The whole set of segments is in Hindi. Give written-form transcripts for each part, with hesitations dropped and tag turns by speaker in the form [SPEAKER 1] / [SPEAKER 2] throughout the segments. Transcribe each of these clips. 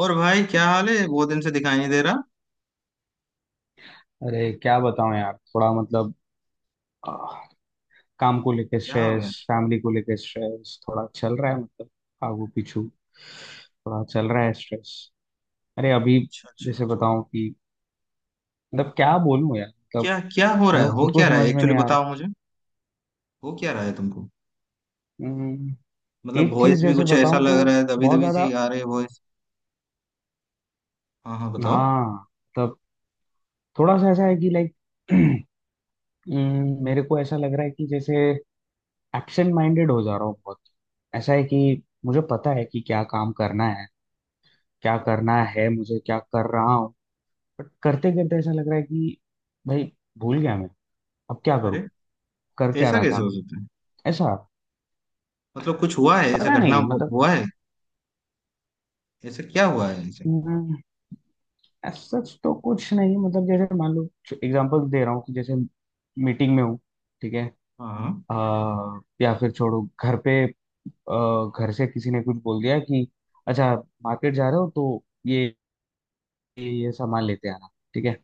[SPEAKER 1] और भाई, क्या हाल है? बहुत दिन से दिखाई नहीं दे रहा।
[SPEAKER 2] अरे क्या बताऊं यार थोड़ा मतलब आह, काम को लेके
[SPEAKER 1] क्या हो गया?
[SPEAKER 2] स्ट्रेस फैमिली को लेके स्ट्रेस थोड़ा चल रहा है मतलब आगू पीछू थोड़ा चल रहा है स्ट्रेस। अरे अभी
[SPEAKER 1] अच्छा, अच्छा,
[SPEAKER 2] जैसे
[SPEAKER 1] अच्छा।
[SPEAKER 2] बताऊं कि मतलब क्या बोलूं यार मतलब
[SPEAKER 1] क्या क्या हो रहा
[SPEAKER 2] मेरे
[SPEAKER 1] है,
[SPEAKER 2] को
[SPEAKER 1] हो
[SPEAKER 2] खुद को
[SPEAKER 1] क्या रहा है
[SPEAKER 2] समझ में
[SPEAKER 1] एक्चुअली,
[SPEAKER 2] नहीं आ रहा।
[SPEAKER 1] बताओ मुझे। हो क्या रहा है तुमको?
[SPEAKER 2] हम्म,
[SPEAKER 1] मतलब
[SPEAKER 2] एक चीज
[SPEAKER 1] वॉइस भी
[SPEAKER 2] जैसे
[SPEAKER 1] कुछ ऐसा
[SPEAKER 2] बताऊं तो
[SPEAKER 1] लग रहा है, दबी
[SPEAKER 2] बहुत
[SPEAKER 1] दबी सी
[SPEAKER 2] ज्यादा।
[SPEAKER 1] आ रही है वॉइस। हाँ हाँ, बताओ।
[SPEAKER 2] हाँ मतलब थोड़ा सा ऐसा है कि लाइक मेरे को ऐसा लग रहा है कि जैसे एब्सेंट माइंडेड हो जा रहा हूँ बहुत। ऐसा है कि मुझे पता है कि क्या काम करना है क्या करना है मुझे क्या कर रहा हूँ बट करते करते ऐसा लग रहा है कि भाई भूल गया मैं अब क्या करूँ
[SPEAKER 1] अरे
[SPEAKER 2] कर क्या
[SPEAKER 1] ऐसा
[SPEAKER 2] रहा था
[SPEAKER 1] कैसे हो
[SPEAKER 2] मैं
[SPEAKER 1] सकता है?
[SPEAKER 2] ऐसा।
[SPEAKER 1] मतलब कुछ हुआ है ऐसा,
[SPEAKER 2] पता
[SPEAKER 1] घटना
[SPEAKER 2] नहीं मतलब
[SPEAKER 1] हुआ है? ऐसा क्या हुआ है ऐसे?
[SPEAKER 2] हम्म, ऐसा सच तो कुछ नहीं मतलब जैसे मान लो एग्जांपल दे रहा हूँ कि जैसे मीटिंग में हूँ ठीक है
[SPEAKER 1] हाँ हाँ।
[SPEAKER 2] या फिर छोड़ो घर पे घर से किसी ने कुछ बोल दिया कि अच्छा मार्केट जा रहे हो तो ये ये सामान लेते आना ठीक है।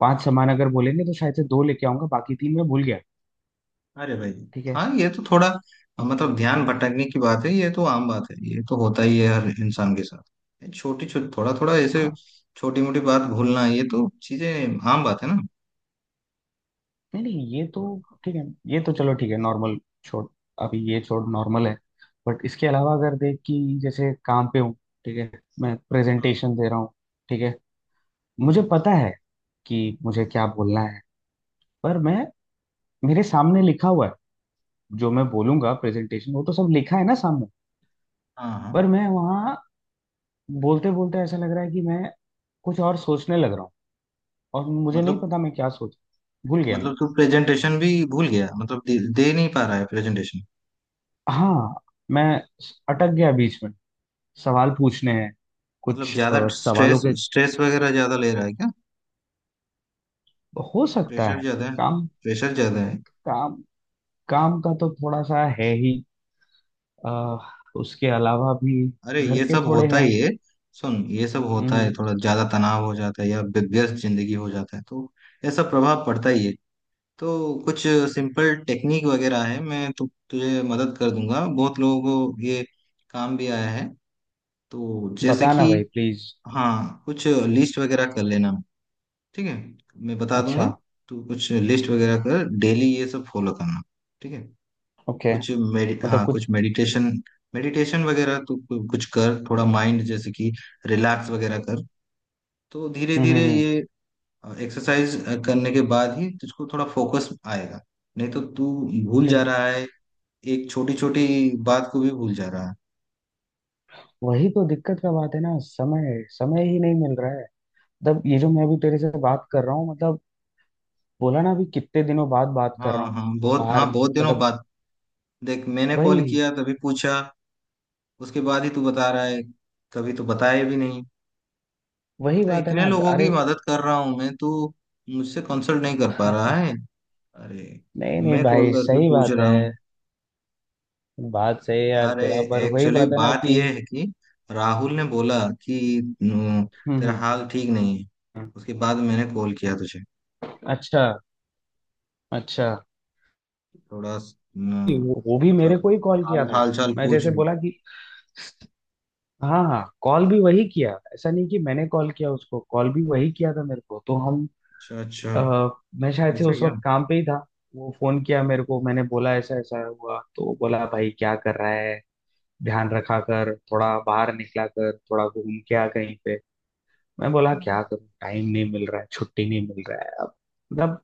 [SPEAKER 2] 5 सामान अगर बोलेंगे तो शायद से 2 लेके आऊंगा बाकी 3 मैं भूल गया।
[SPEAKER 1] अरे भाई।
[SPEAKER 2] ठीक है।
[SPEAKER 1] हाँ ये तो थोड़ा मतलब
[SPEAKER 2] ये
[SPEAKER 1] ध्यान भटकने की बात है, ये तो आम बात है, ये तो होता ही है हर इंसान के साथ, छोटी छोटी थोड़ा थोड़ा ऐसे
[SPEAKER 2] हाँ,
[SPEAKER 1] छोटी मोटी बात भूलना, ये तो चीजें आम बात है ना।
[SPEAKER 2] नहीं नहीं ये तो ठीक है ये तो चलो ठीक है नॉर्मल। छोड़ अभी ये छोड़ नॉर्मल है। बट इसके अलावा अगर देख कि जैसे काम पे हूँ ठीक है मैं
[SPEAKER 1] हाँ
[SPEAKER 2] प्रेजेंटेशन दे रहा हूँ ठीक है
[SPEAKER 1] ठीक
[SPEAKER 2] मुझे
[SPEAKER 1] है।
[SPEAKER 2] पता है कि मुझे क्या बोलना है पर मैं मेरे सामने लिखा हुआ है जो मैं बोलूंगा प्रेजेंटेशन वो तो सब लिखा है ना सामने।
[SPEAKER 1] हाँ हाँ
[SPEAKER 2] पर मैं वहाँ बोलते बोलते ऐसा लग रहा है कि मैं कुछ और सोचने लग रहा हूँ और मुझे नहीं
[SPEAKER 1] मतलब
[SPEAKER 2] पता मैं क्या सोच भूल गया मैं।
[SPEAKER 1] मतलब तू प्रेजेंटेशन भी भूल गया, मतलब दे नहीं पा रहा है प्रेजेंटेशन?
[SPEAKER 2] हाँ मैं अटक गया बीच में सवाल पूछने हैं
[SPEAKER 1] मतलब
[SPEAKER 2] कुछ
[SPEAKER 1] ज्यादा
[SPEAKER 2] सवालों
[SPEAKER 1] स्ट्रेस
[SPEAKER 2] के।
[SPEAKER 1] स्ट्रेस वगैरह ज्यादा ले रहा है क्या?
[SPEAKER 2] हो सकता
[SPEAKER 1] प्रेशर
[SPEAKER 2] है।
[SPEAKER 1] ज्यादा है?
[SPEAKER 2] काम
[SPEAKER 1] प्रेशर ज्यादा है?
[SPEAKER 2] काम काम का तो थोड़ा सा है ही अ, उसके अलावा भी
[SPEAKER 1] अरे
[SPEAKER 2] घर
[SPEAKER 1] ये
[SPEAKER 2] के
[SPEAKER 1] सब
[SPEAKER 2] थोड़े
[SPEAKER 1] होता
[SPEAKER 2] हैं।
[SPEAKER 1] ही है। सुन, ये सब होता है,
[SPEAKER 2] हम्म।
[SPEAKER 1] थोड़ा ज्यादा तनाव हो जाता है या व्यस्त जिंदगी हो जाता है तो ऐसा प्रभाव पड़ता ही है। तो कुछ सिंपल टेक्निक वगैरह है, मैं तुझे मदद कर दूंगा, बहुत लोगों को ये काम भी आया है। तो जैसे
[SPEAKER 2] बताना
[SPEAKER 1] कि,
[SPEAKER 2] भाई प्लीज।
[SPEAKER 1] हाँ कुछ लिस्ट वगैरह कर लेना, ठीक है? मैं बता
[SPEAKER 2] अच्छा।
[SPEAKER 1] दूंगा। तो कुछ लिस्ट वगैरह कर, डेली ये सब फॉलो करना, ठीक है?
[SPEAKER 2] ओके।
[SPEAKER 1] कुछ मेडि
[SPEAKER 2] मतलब
[SPEAKER 1] हाँ
[SPEAKER 2] कुछ।
[SPEAKER 1] कुछ मेडिटेशन, मेडिटेशन वगैरह तो कुछ कर, थोड़ा माइंड जैसे कि रिलैक्स वगैरह कर। तो धीरे
[SPEAKER 2] हम्म
[SPEAKER 1] धीरे
[SPEAKER 2] हम्म हम्म,
[SPEAKER 1] ये एक्सरसाइज करने के बाद ही तुझको थोड़ा फोकस आएगा, नहीं तो तू भूल
[SPEAKER 2] ठीक
[SPEAKER 1] जा
[SPEAKER 2] है।
[SPEAKER 1] रहा है, एक छोटी छोटी बात को भी भूल जा रहा है।
[SPEAKER 2] वही तो दिक्कत का बात है ना समय समय ही नहीं मिल रहा है। तब ये जो मैं अभी तेरे से बात कर रहा हूँ मतलब बोला ना अभी कितने दिनों बाद बात कर रहा
[SPEAKER 1] हाँ
[SPEAKER 2] हूँ
[SPEAKER 1] हाँ बहुत,
[SPEAKER 2] बाहर
[SPEAKER 1] हाँ बहुत दिनों
[SPEAKER 2] मतलब
[SPEAKER 1] बाद। देख, मैंने कॉल
[SPEAKER 2] वही
[SPEAKER 1] किया तभी पूछा, उसके बाद ही तू बता रहा है, कभी तो बताया भी नहीं।
[SPEAKER 2] वही
[SPEAKER 1] अरे
[SPEAKER 2] बात है
[SPEAKER 1] इतने
[SPEAKER 2] ना।
[SPEAKER 1] लोगों की
[SPEAKER 2] अरे
[SPEAKER 1] मदद कर रहा हूँ मैं, तू मुझसे कंसल्ट नहीं कर पा रहा है? अरे,
[SPEAKER 2] नहीं नहीं
[SPEAKER 1] मैं कॉल
[SPEAKER 2] भाई
[SPEAKER 1] करके
[SPEAKER 2] सही
[SPEAKER 1] पूछ
[SPEAKER 2] बात
[SPEAKER 1] रहा
[SPEAKER 2] है।
[SPEAKER 1] हूँ।
[SPEAKER 2] बात सही है यार
[SPEAKER 1] अरे,
[SPEAKER 2] तेरा पर वही
[SPEAKER 1] एक्चुअली
[SPEAKER 2] बात है ना
[SPEAKER 1] बात
[SPEAKER 2] कि
[SPEAKER 1] यह है कि राहुल ने बोला कि न,
[SPEAKER 2] हम्म
[SPEAKER 1] तेरा
[SPEAKER 2] हम्म,
[SPEAKER 1] हाल ठीक नहीं है,
[SPEAKER 2] हम्म।
[SPEAKER 1] उसके बाद मैंने कॉल किया तुझे,
[SPEAKER 2] अच्छा अच्छा
[SPEAKER 1] थोड़ा स- न,
[SPEAKER 2] वो भी मेरे
[SPEAKER 1] मतलब
[SPEAKER 2] को ही कॉल किया
[SPEAKER 1] हाल
[SPEAKER 2] था।
[SPEAKER 1] हाल चाल
[SPEAKER 2] मैं
[SPEAKER 1] पूछ
[SPEAKER 2] जैसे
[SPEAKER 1] लूँ।
[SPEAKER 2] बोला कि हाँ हाँ कॉल भी वही किया ऐसा नहीं कि मैंने कॉल किया उसको कॉल भी वही किया था मेरे को तो हम
[SPEAKER 1] अच्छा, अच्छा।
[SPEAKER 2] अ, मैं शायद से
[SPEAKER 1] ऐसा
[SPEAKER 2] उस
[SPEAKER 1] क्या?
[SPEAKER 2] वक्त काम पे ही था। वो फोन किया मेरे को मैंने बोला ऐसा ऐसा हुआ तो वो बोला भाई क्या कर रहा है ध्यान रखा कर थोड़ा बाहर निकला कर थोड़ा घूम के आ कहीं पे। मैं बोला क्या करूं टाइम नहीं मिल रहा है छुट्टी नहीं मिल रहा है अब मतलब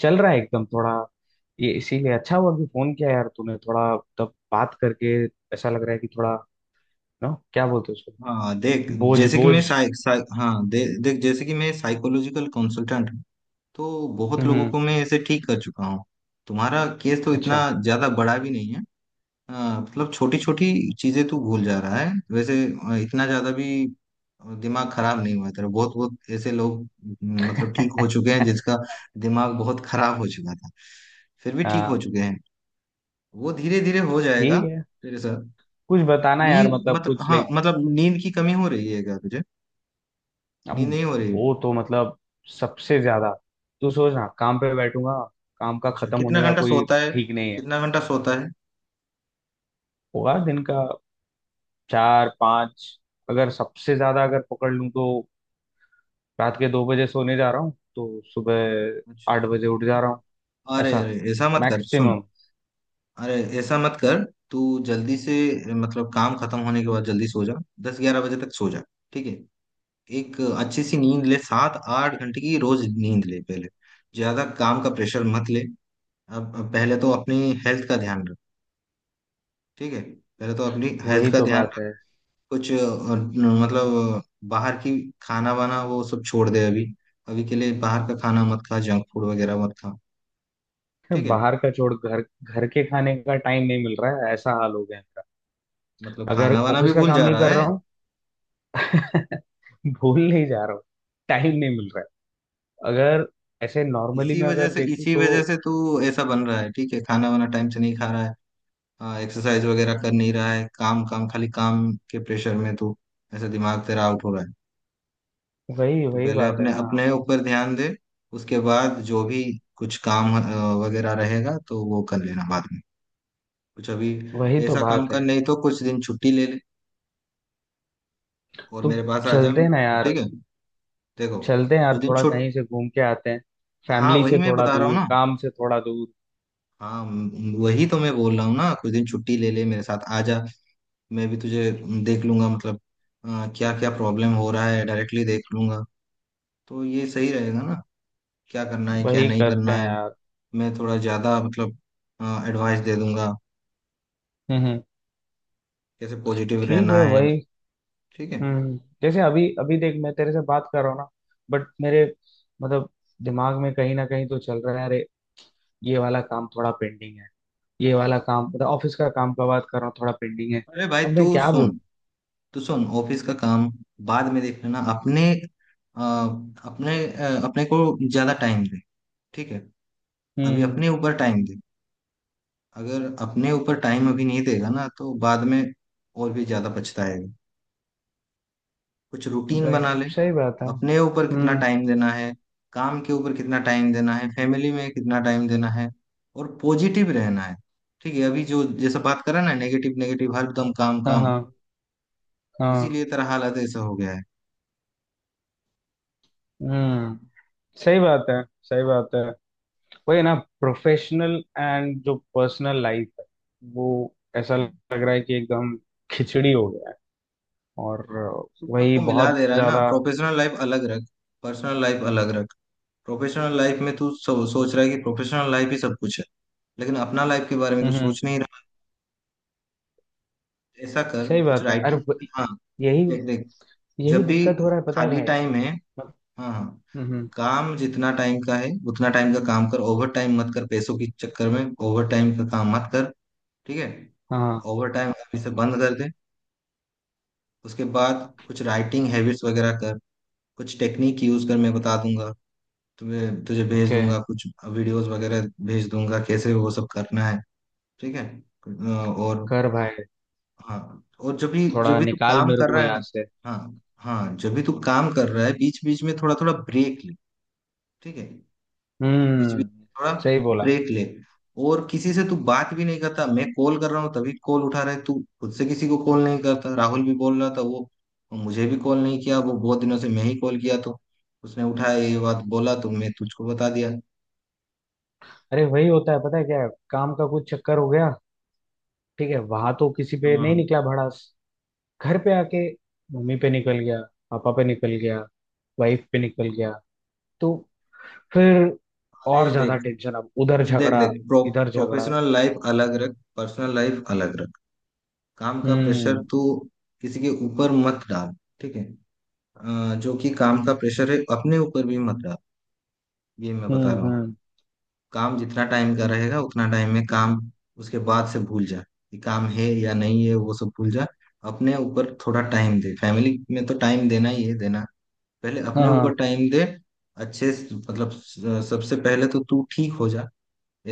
[SPEAKER 2] चल रहा है एकदम थोड़ा। ये इसीलिए अच्छा हुआ कि फोन किया यार तूने थोड़ा तब बात करके ऐसा लग रहा है कि थोड़ा नो क्या बोलते हैं उसको
[SPEAKER 1] हाँ
[SPEAKER 2] बोझ बोझ।
[SPEAKER 1] देख जैसे कि मैं साइकोलॉजिकल कंसल्टेंट हूँ, तो बहुत लोगों
[SPEAKER 2] हम्म।
[SPEAKER 1] को मैं ऐसे ठीक कर चुका हूँ। तुम्हारा केस तो इतना
[SPEAKER 2] अच्छा
[SPEAKER 1] ज्यादा बड़ा भी नहीं है, हाँ मतलब छोटी छोटी चीजें तू भूल जा रहा है, वैसे इतना ज्यादा भी दिमाग खराब नहीं हुआ तेरा। बहुत बहुत ऐसे लोग मतलब ठीक हो चुके हैं जिसका दिमाग बहुत खराब हो चुका था, फिर भी ठीक हो
[SPEAKER 2] हाँ।
[SPEAKER 1] चुके हैं। वो धीरे धीरे हो जाएगा
[SPEAKER 2] ठीक है
[SPEAKER 1] तेरे साथ।
[SPEAKER 2] कुछ बताना यार
[SPEAKER 1] नींद,
[SPEAKER 2] मतलब
[SPEAKER 1] मतलब
[SPEAKER 2] कुछ
[SPEAKER 1] हाँ
[SPEAKER 2] लाइक
[SPEAKER 1] मतलब नींद की कमी हो रही है क्या तुझे?
[SPEAKER 2] अब।
[SPEAKER 1] नींद नहीं हो रही है?
[SPEAKER 2] वो तो मतलब सबसे ज्यादा तू सोच ना काम पे बैठूंगा काम का
[SPEAKER 1] अच्छा,
[SPEAKER 2] खत्म
[SPEAKER 1] कितना
[SPEAKER 2] होने का
[SPEAKER 1] घंटा
[SPEAKER 2] कोई
[SPEAKER 1] सोता है?
[SPEAKER 2] ठीक नहीं है।
[SPEAKER 1] कितना घंटा सोता है?
[SPEAKER 2] होगा दिन का 4 5 अगर सबसे ज्यादा अगर पकड़ लूं तो। रात के 2 बजे सोने जा रहा हूँ तो सुबह
[SPEAKER 1] अच्छा,
[SPEAKER 2] 8 बजे उठ जा रहा हूँ
[SPEAKER 1] अरे
[SPEAKER 2] ऐसा
[SPEAKER 1] अरे ऐसा मत कर, सुन।
[SPEAKER 2] मैक्सिमम।
[SPEAKER 1] अरे ऐसा मत कर। तू जल्दी से, मतलब काम खत्म होने के बाद जल्दी सो जा, 10-11 बजे तक सो जा, ठीक है? एक अच्छी सी नींद ले, 7-8 घंटे की रोज नींद ले पहले, ज्यादा काम का प्रेशर मत ले। अब पहले तो अपनी हेल्थ का ध्यान रख, ठीक है, पहले तो अपनी
[SPEAKER 2] वही
[SPEAKER 1] हेल्थ का
[SPEAKER 2] तो
[SPEAKER 1] ध्यान
[SPEAKER 2] बात
[SPEAKER 1] रख।
[SPEAKER 2] है।
[SPEAKER 1] कुछ मतलब बाहर की खाना वाना वो सब छोड़ दे अभी, अभी के लिए बाहर का खाना मत खा, जंक फूड वगैरह मत खा, ठीक है?
[SPEAKER 2] बाहर का छोड़ घर घर के खाने का टाइम नहीं मिल रहा है ऐसा हाल हो गया है मेरा।
[SPEAKER 1] मतलब
[SPEAKER 2] अगर
[SPEAKER 1] खाना वाना भी
[SPEAKER 2] ऑफिस का
[SPEAKER 1] भूल
[SPEAKER 2] काम
[SPEAKER 1] जा
[SPEAKER 2] नहीं
[SPEAKER 1] रहा
[SPEAKER 2] कर रहा
[SPEAKER 1] है?
[SPEAKER 2] हूँ भूल नहीं जा रहा हूँ टाइम नहीं मिल रहा है अगर ऐसे नॉर्मली
[SPEAKER 1] इसी
[SPEAKER 2] मैं
[SPEAKER 1] वजह
[SPEAKER 2] अगर
[SPEAKER 1] से,
[SPEAKER 2] देखूँ
[SPEAKER 1] इसी
[SPEAKER 2] तो।
[SPEAKER 1] वजह से तू ऐसा बन रहा है, ठीक है, खाना वाना टाइम से नहीं खा रहा है, एक्सरसाइज वगैरह कर नहीं रहा है, काम काम, खाली काम के प्रेशर में तू, ऐसा दिमाग तेरा आउट हो रहा है।
[SPEAKER 2] वही
[SPEAKER 1] तू
[SPEAKER 2] वही
[SPEAKER 1] पहले
[SPEAKER 2] बात है
[SPEAKER 1] अपने,
[SPEAKER 2] ना।
[SPEAKER 1] अपने ऊपर ध्यान दे, उसके बाद जो भी कुछ काम वगैरह रहेगा तो वो कर लेना बाद में। कुछ अभी
[SPEAKER 2] वही तो
[SPEAKER 1] ऐसा काम
[SPEAKER 2] बात
[SPEAKER 1] कर,
[SPEAKER 2] है।
[SPEAKER 1] नहीं तो कुछ दिन छुट्टी ले ले और
[SPEAKER 2] तो
[SPEAKER 1] मेरे पास आ जा,
[SPEAKER 2] चलते हैं ना यार
[SPEAKER 1] ठीक है? देखो,
[SPEAKER 2] चलते हैं यार
[SPEAKER 1] कुछ दिन
[SPEAKER 2] थोड़ा
[SPEAKER 1] छुट
[SPEAKER 2] कहीं से घूम के आते हैं
[SPEAKER 1] हाँ
[SPEAKER 2] फैमिली
[SPEAKER 1] वही
[SPEAKER 2] से
[SPEAKER 1] मैं
[SPEAKER 2] थोड़ा
[SPEAKER 1] बता रहा हूँ
[SPEAKER 2] दूर
[SPEAKER 1] ना,
[SPEAKER 2] काम से थोड़ा दूर
[SPEAKER 1] हाँ वही तो मैं बोल रहा हूँ ना, कुछ दिन छुट्टी ले ले, मेरे साथ आ जा, मैं भी तुझे देख लूंगा, मतलब क्या क्या प्रॉब्लम हो रहा है डायरेक्टली देख लूंगा, तो ये सही रहेगा ना? क्या करना है क्या
[SPEAKER 2] वही
[SPEAKER 1] नहीं
[SPEAKER 2] करते
[SPEAKER 1] करना
[SPEAKER 2] हैं
[SPEAKER 1] है,
[SPEAKER 2] यार।
[SPEAKER 1] मैं थोड़ा ज्यादा मतलब एडवाइस दे दूंगा
[SPEAKER 2] हम्म हम्म,
[SPEAKER 1] कैसे पॉजिटिव
[SPEAKER 2] ठीक
[SPEAKER 1] रहना
[SPEAKER 2] है
[SPEAKER 1] है,
[SPEAKER 2] वही।
[SPEAKER 1] ठीक है?
[SPEAKER 2] जैसे अभी अभी देख मैं तेरे से बात कर रहा हूँ ना बट मेरे मतलब दिमाग में कहीं ना कहीं तो चल रहा है अरे ये वाला काम थोड़ा पेंडिंग है ये वाला काम मतलब ऑफिस का काम का बात कर रहा हूँ थोड़ा पेंडिंग है।
[SPEAKER 1] अरे भाई
[SPEAKER 2] अब
[SPEAKER 1] तू
[SPEAKER 2] मैं क्या
[SPEAKER 1] सुन,
[SPEAKER 2] बोलूँ।
[SPEAKER 1] तू सुन, ऑफिस का काम बाद में देख लेना, अपने अ, अपने को ज्यादा टाइम दे, ठीक है? अभी
[SPEAKER 2] हम्म।
[SPEAKER 1] अपने ऊपर टाइम दे, अगर अपने ऊपर टाइम अभी नहीं देगा ना तो बाद में और भी ज्यादा पछताएगा। कुछ रूटीन
[SPEAKER 2] राइट
[SPEAKER 1] बना ले,
[SPEAKER 2] सही बात है
[SPEAKER 1] अपने ऊपर कितना
[SPEAKER 2] हम्म।
[SPEAKER 1] टाइम देना है, काम के ऊपर कितना टाइम देना है, फैमिली में कितना टाइम देना है, और पॉजिटिव रहना है, ठीक है? अभी जो जैसा बात करा ना, नेगेटिव नेगेटिव, हरदम काम
[SPEAKER 2] हाँ
[SPEAKER 1] काम,
[SPEAKER 2] हाँ हाँ।
[SPEAKER 1] उसीलिए तेरा हालत ऐसा हो गया है।
[SPEAKER 2] हम्म सही बात है सही बात है। वही ना प्रोफेशनल एंड जो पर्सनल लाइफ है वो ऐसा लग रहा है कि एकदम खिचड़ी हो गया है और
[SPEAKER 1] तू
[SPEAKER 2] वही
[SPEAKER 1] सबको मिला
[SPEAKER 2] बहुत
[SPEAKER 1] दे रहा है ना,
[SPEAKER 2] ज्यादा।
[SPEAKER 1] प्रोफेशनल लाइफ अलग रख, पर्सनल लाइफ अलग रख। प्रोफेशनल लाइफ में तू सोच रहा है कि प्रोफेशनल लाइफ ही सब कुछ है, लेकिन अपना लाइफ के बारे में तू
[SPEAKER 2] हम्म हम्म,
[SPEAKER 1] सोच नहीं रहा। ऐसा कर,
[SPEAKER 2] सही
[SPEAKER 1] कुछ
[SPEAKER 2] बात है अरे
[SPEAKER 1] राइटिंग,
[SPEAKER 2] वही-
[SPEAKER 1] हाँ,
[SPEAKER 2] यही
[SPEAKER 1] देख देख,
[SPEAKER 2] यही
[SPEAKER 1] जब भी
[SPEAKER 2] दिक्कत हो रहा है पता है
[SPEAKER 1] खाली
[SPEAKER 2] भाई।
[SPEAKER 1] टाइम है,
[SPEAKER 2] मत-
[SPEAKER 1] हाँ हाँ,
[SPEAKER 2] हम्म हम्म,
[SPEAKER 1] काम जितना टाइम का है उतना टाइम का काम कर, ओवर टाइम मत कर, पैसों के चक्कर में ओवर टाइम का काम मत कर, ठीक है?
[SPEAKER 2] हाँ।
[SPEAKER 1] ओवर टाइम अभी से बंद कर दे। उसके बाद कुछ राइटिंग हैबिट्स वगैरह कर, कुछ टेक्निक यूज कर, मैं बता दूंगा, तुम्हें तुझे भेज
[SPEAKER 2] ओके
[SPEAKER 1] दूंगा कुछ वीडियोस वगैरह, भेज दूंगा कैसे वो सब करना है, ठीक है? और
[SPEAKER 2] कर भाई
[SPEAKER 1] हाँ, और जब भी, जब
[SPEAKER 2] थोड़ा
[SPEAKER 1] भी तू
[SPEAKER 2] निकाल
[SPEAKER 1] काम
[SPEAKER 2] मेरे
[SPEAKER 1] कर
[SPEAKER 2] को
[SPEAKER 1] रहा है ना,
[SPEAKER 2] यहाँ से।
[SPEAKER 1] हाँ हाँ, जब भी तू काम कर रहा है बीच बीच में थोड़ा थोड़ा ब्रेक ले, ठीक है? बीच बीच
[SPEAKER 2] हम्म
[SPEAKER 1] में थोड़ा
[SPEAKER 2] सही बोला।
[SPEAKER 1] ब्रेक ले। और किसी से तू बात भी नहीं करता, मैं कॉल कर रहा हूँ तभी कॉल उठा रहा है तू, खुद से किसी को कॉल नहीं करता। राहुल भी बोल रहा था, वो मुझे भी कॉल नहीं किया वो बहुत दिनों से, मैं ही कॉल किया तो उसने उठाया, ये बात बोला, तो मैं तुझको बता दिया।
[SPEAKER 2] अरे वही होता है पता है क्या है? काम का कुछ चक्कर हो गया ठीक है वहां तो किसी पे
[SPEAKER 1] हाँ
[SPEAKER 2] नहीं
[SPEAKER 1] हाँ।
[SPEAKER 2] निकला भड़ास घर पे आके मम्मी पे निकल गया पापा पे निकल गया वाइफ पे निकल गया तो फिर
[SPEAKER 1] अरे
[SPEAKER 2] और ज्यादा
[SPEAKER 1] देख,
[SPEAKER 2] टेंशन अब उधर
[SPEAKER 1] देख
[SPEAKER 2] झगड़ा
[SPEAKER 1] देख,
[SPEAKER 2] इधर झगड़ा।
[SPEAKER 1] प्रोफेशनल लाइफ अलग रख, पर्सनल लाइफ अलग रख। काम का प्रेशर
[SPEAKER 2] हम्म
[SPEAKER 1] तू किसी के ऊपर मत डाल, ठीक है? जो कि काम का प्रेशर है, अपने ऊपर भी मत डाल, ये मैं बता रहा हूँ।
[SPEAKER 2] हम्म।
[SPEAKER 1] काम जितना टाइम का रहेगा उतना टाइम में काम, उसके बाद से भूल जा कि काम है या नहीं है, वो सब भूल जा। अपने ऊपर थोड़ा टाइम दे, फैमिली में तो टाइम देना ही है देना, पहले
[SPEAKER 2] हाँ
[SPEAKER 1] अपने ऊपर
[SPEAKER 2] हाँ
[SPEAKER 1] टाइम दे। अच्छे से- मतलब स- सबसे पहले तो तू ठीक हो जा।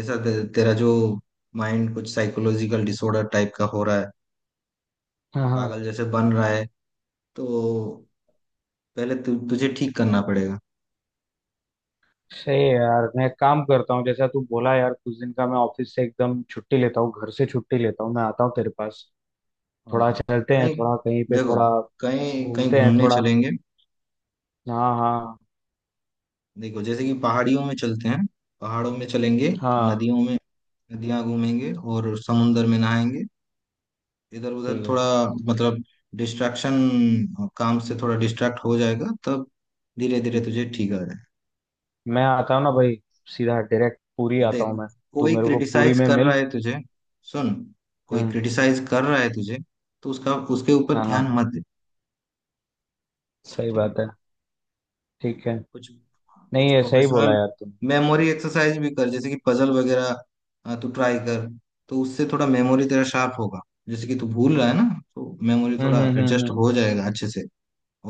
[SPEAKER 1] ऐसा तेरा जो माइंड कुछ साइकोलॉजिकल डिसऑर्डर टाइप का हो रहा है,
[SPEAKER 2] हाँ हाँ।
[SPEAKER 1] पागल जैसे बन रहा है, तो पहले तुझे ठीक करना पड़ेगा।
[SPEAKER 2] सही है यार मैं काम करता हूँ जैसा तू बोला यार कुछ दिन का मैं ऑफिस से एकदम छुट्टी लेता हूँ घर से छुट्टी लेता हूँ मैं आता हूँ तेरे पास
[SPEAKER 1] हाँ
[SPEAKER 2] थोड़ा
[SPEAKER 1] हाँ।
[SPEAKER 2] चलते हैं
[SPEAKER 1] कहीं,
[SPEAKER 2] थोड़ा कहीं पे
[SPEAKER 1] देखो,
[SPEAKER 2] थोड़ा
[SPEAKER 1] कहीं कहीं
[SPEAKER 2] घूमते हैं
[SPEAKER 1] घूमने
[SPEAKER 2] थोड़ा
[SPEAKER 1] चलेंगे।
[SPEAKER 2] हाँ हाँ
[SPEAKER 1] देखो, जैसे कि पहाड़ियों में चलते हैं, पहाड़ों में चलेंगे,
[SPEAKER 2] हाँ।
[SPEAKER 1] नदियों में, नदियां घूमेंगे, और समुंदर में नहाएंगे, इधर उधर
[SPEAKER 2] ठीक है।
[SPEAKER 1] थोड़ा, मतलब डिस्ट्रैक्शन, काम से थोड़ा डिस्ट्रैक्ट हो जाएगा तब धीरे धीरे
[SPEAKER 2] हम्म।
[SPEAKER 1] तुझे ठीक आ जाए।
[SPEAKER 2] मैं आता हूँ ना भाई सीधा डायरेक्ट पूरी आता
[SPEAKER 1] देख,
[SPEAKER 2] हूँ मैं तू
[SPEAKER 1] कोई
[SPEAKER 2] मेरे को पूरी
[SPEAKER 1] क्रिटिसाइज
[SPEAKER 2] में
[SPEAKER 1] कर रहा
[SPEAKER 2] मिल।
[SPEAKER 1] है तुझे, सुन, कोई
[SPEAKER 2] हम्म
[SPEAKER 1] क्रिटिसाइज कर रहा है तुझे तो उसका उसके ऊपर
[SPEAKER 2] हाँ
[SPEAKER 1] ध्यान
[SPEAKER 2] हाँ
[SPEAKER 1] मत दे,
[SPEAKER 2] सही
[SPEAKER 1] ठीक है?
[SPEAKER 2] बात है ठीक है
[SPEAKER 1] कुछ
[SPEAKER 2] नहीं
[SPEAKER 1] कुछ
[SPEAKER 2] ये सही बोला
[SPEAKER 1] प्रोफेशनल
[SPEAKER 2] यार तूने
[SPEAKER 1] मेमोरी एक्सरसाइज भी कर, जैसे कि पजल वगैरह तू ट्राई कर, तो उससे थोड़ा मेमोरी तेरा शार्प होगा, जैसे कि तू भूल रहा है ना, तो मेमोरी थोड़ा एडजस्ट
[SPEAKER 2] हम्म।
[SPEAKER 1] हो जाएगा अच्छे से।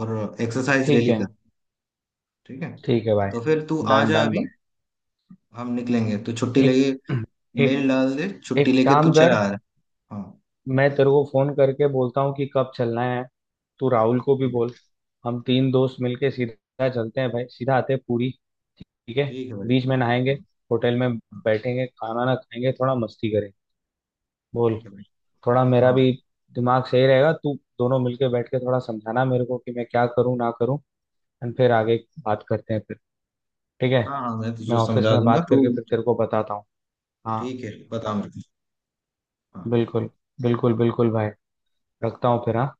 [SPEAKER 1] और एक्सरसाइज
[SPEAKER 2] ठीक
[SPEAKER 1] डेली
[SPEAKER 2] है
[SPEAKER 1] कर, ठीक है?
[SPEAKER 2] ठीक है भाई
[SPEAKER 1] तो फिर तू आ
[SPEAKER 2] डन
[SPEAKER 1] जा
[SPEAKER 2] डन
[SPEAKER 1] अभी,
[SPEAKER 2] भाई।
[SPEAKER 1] हम निकलेंगे तो छुट्टी
[SPEAKER 2] एक
[SPEAKER 1] लेके
[SPEAKER 2] एक
[SPEAKER 1] मेल डाल दे, छुट्टी
[SPEAKER 2] एक
[SPEAKER 1] लेके तू
[SPEAKER 2] काम
[SPEAKER 1] चला
[SPEAKER 2] कर
[SPEAKER 1] आ रहा है। हाँ।
[SPEAKER 2] मैं तेरे को फोन करके बोलता हूँ कि कब चलना है तू राहुल को भी
[SPEAKER 1] ठीक है।
[SPEAKER 2] बोल हम 3 दोस्त मिलके सीधा चलते हैं भाई सीधा आते हैं पूरी ठीक है
[SPEAKER 1] ठीक है भाई।
[SPEAKER 2] बीच में नहाएंगे
[SPEAKER 1] हाँ
[SPEAKER 2] होटल में
[SPEAKER 1] हाँ,
[SPEAKER 2] बैठेंगे खाना ना खाएंगे थोड़ा मस्ती करेंगे बोल
[SPEAKER 1] ठीक है भाई।
[SPEAKER 2] थोड़ा मेरा
[SPEAKER 1] हाँ,
[SPEAKER 2] भी दिमाग सही रहेगा तू दोनों मिलके बैठ के थोड़ा समझाना मेरे को कि मैं क्या करूँ ना करूँ एंड फिर आगे बात करते हैं फिर ठीक है
[SPEAKER 1] हाँ हाँ मैं
[SPEAKER 2] मैं
[SPEAKER 1] तुझे
[SPEAKER 2] ऑफिस
[SPEAKER 1] समझा
[SPEAKER 2] में
[SPEAKER 1] दूंगा
[SPEAKER 2] बात
[SPEAKER 1] तू।
[SPEAKER 2] करके फिर तेरे को बताता हूँ हाँ
[SPEAKER 1] ठीक है, बता मेरे को। हाँ
[SPEAKER 2] बिल्कुल बिल्कुल बिल्कुल भाई रखता हूँ फिर हाँ।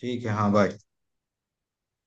[SPEAKER 1] ठीक है। हाँ, बाय।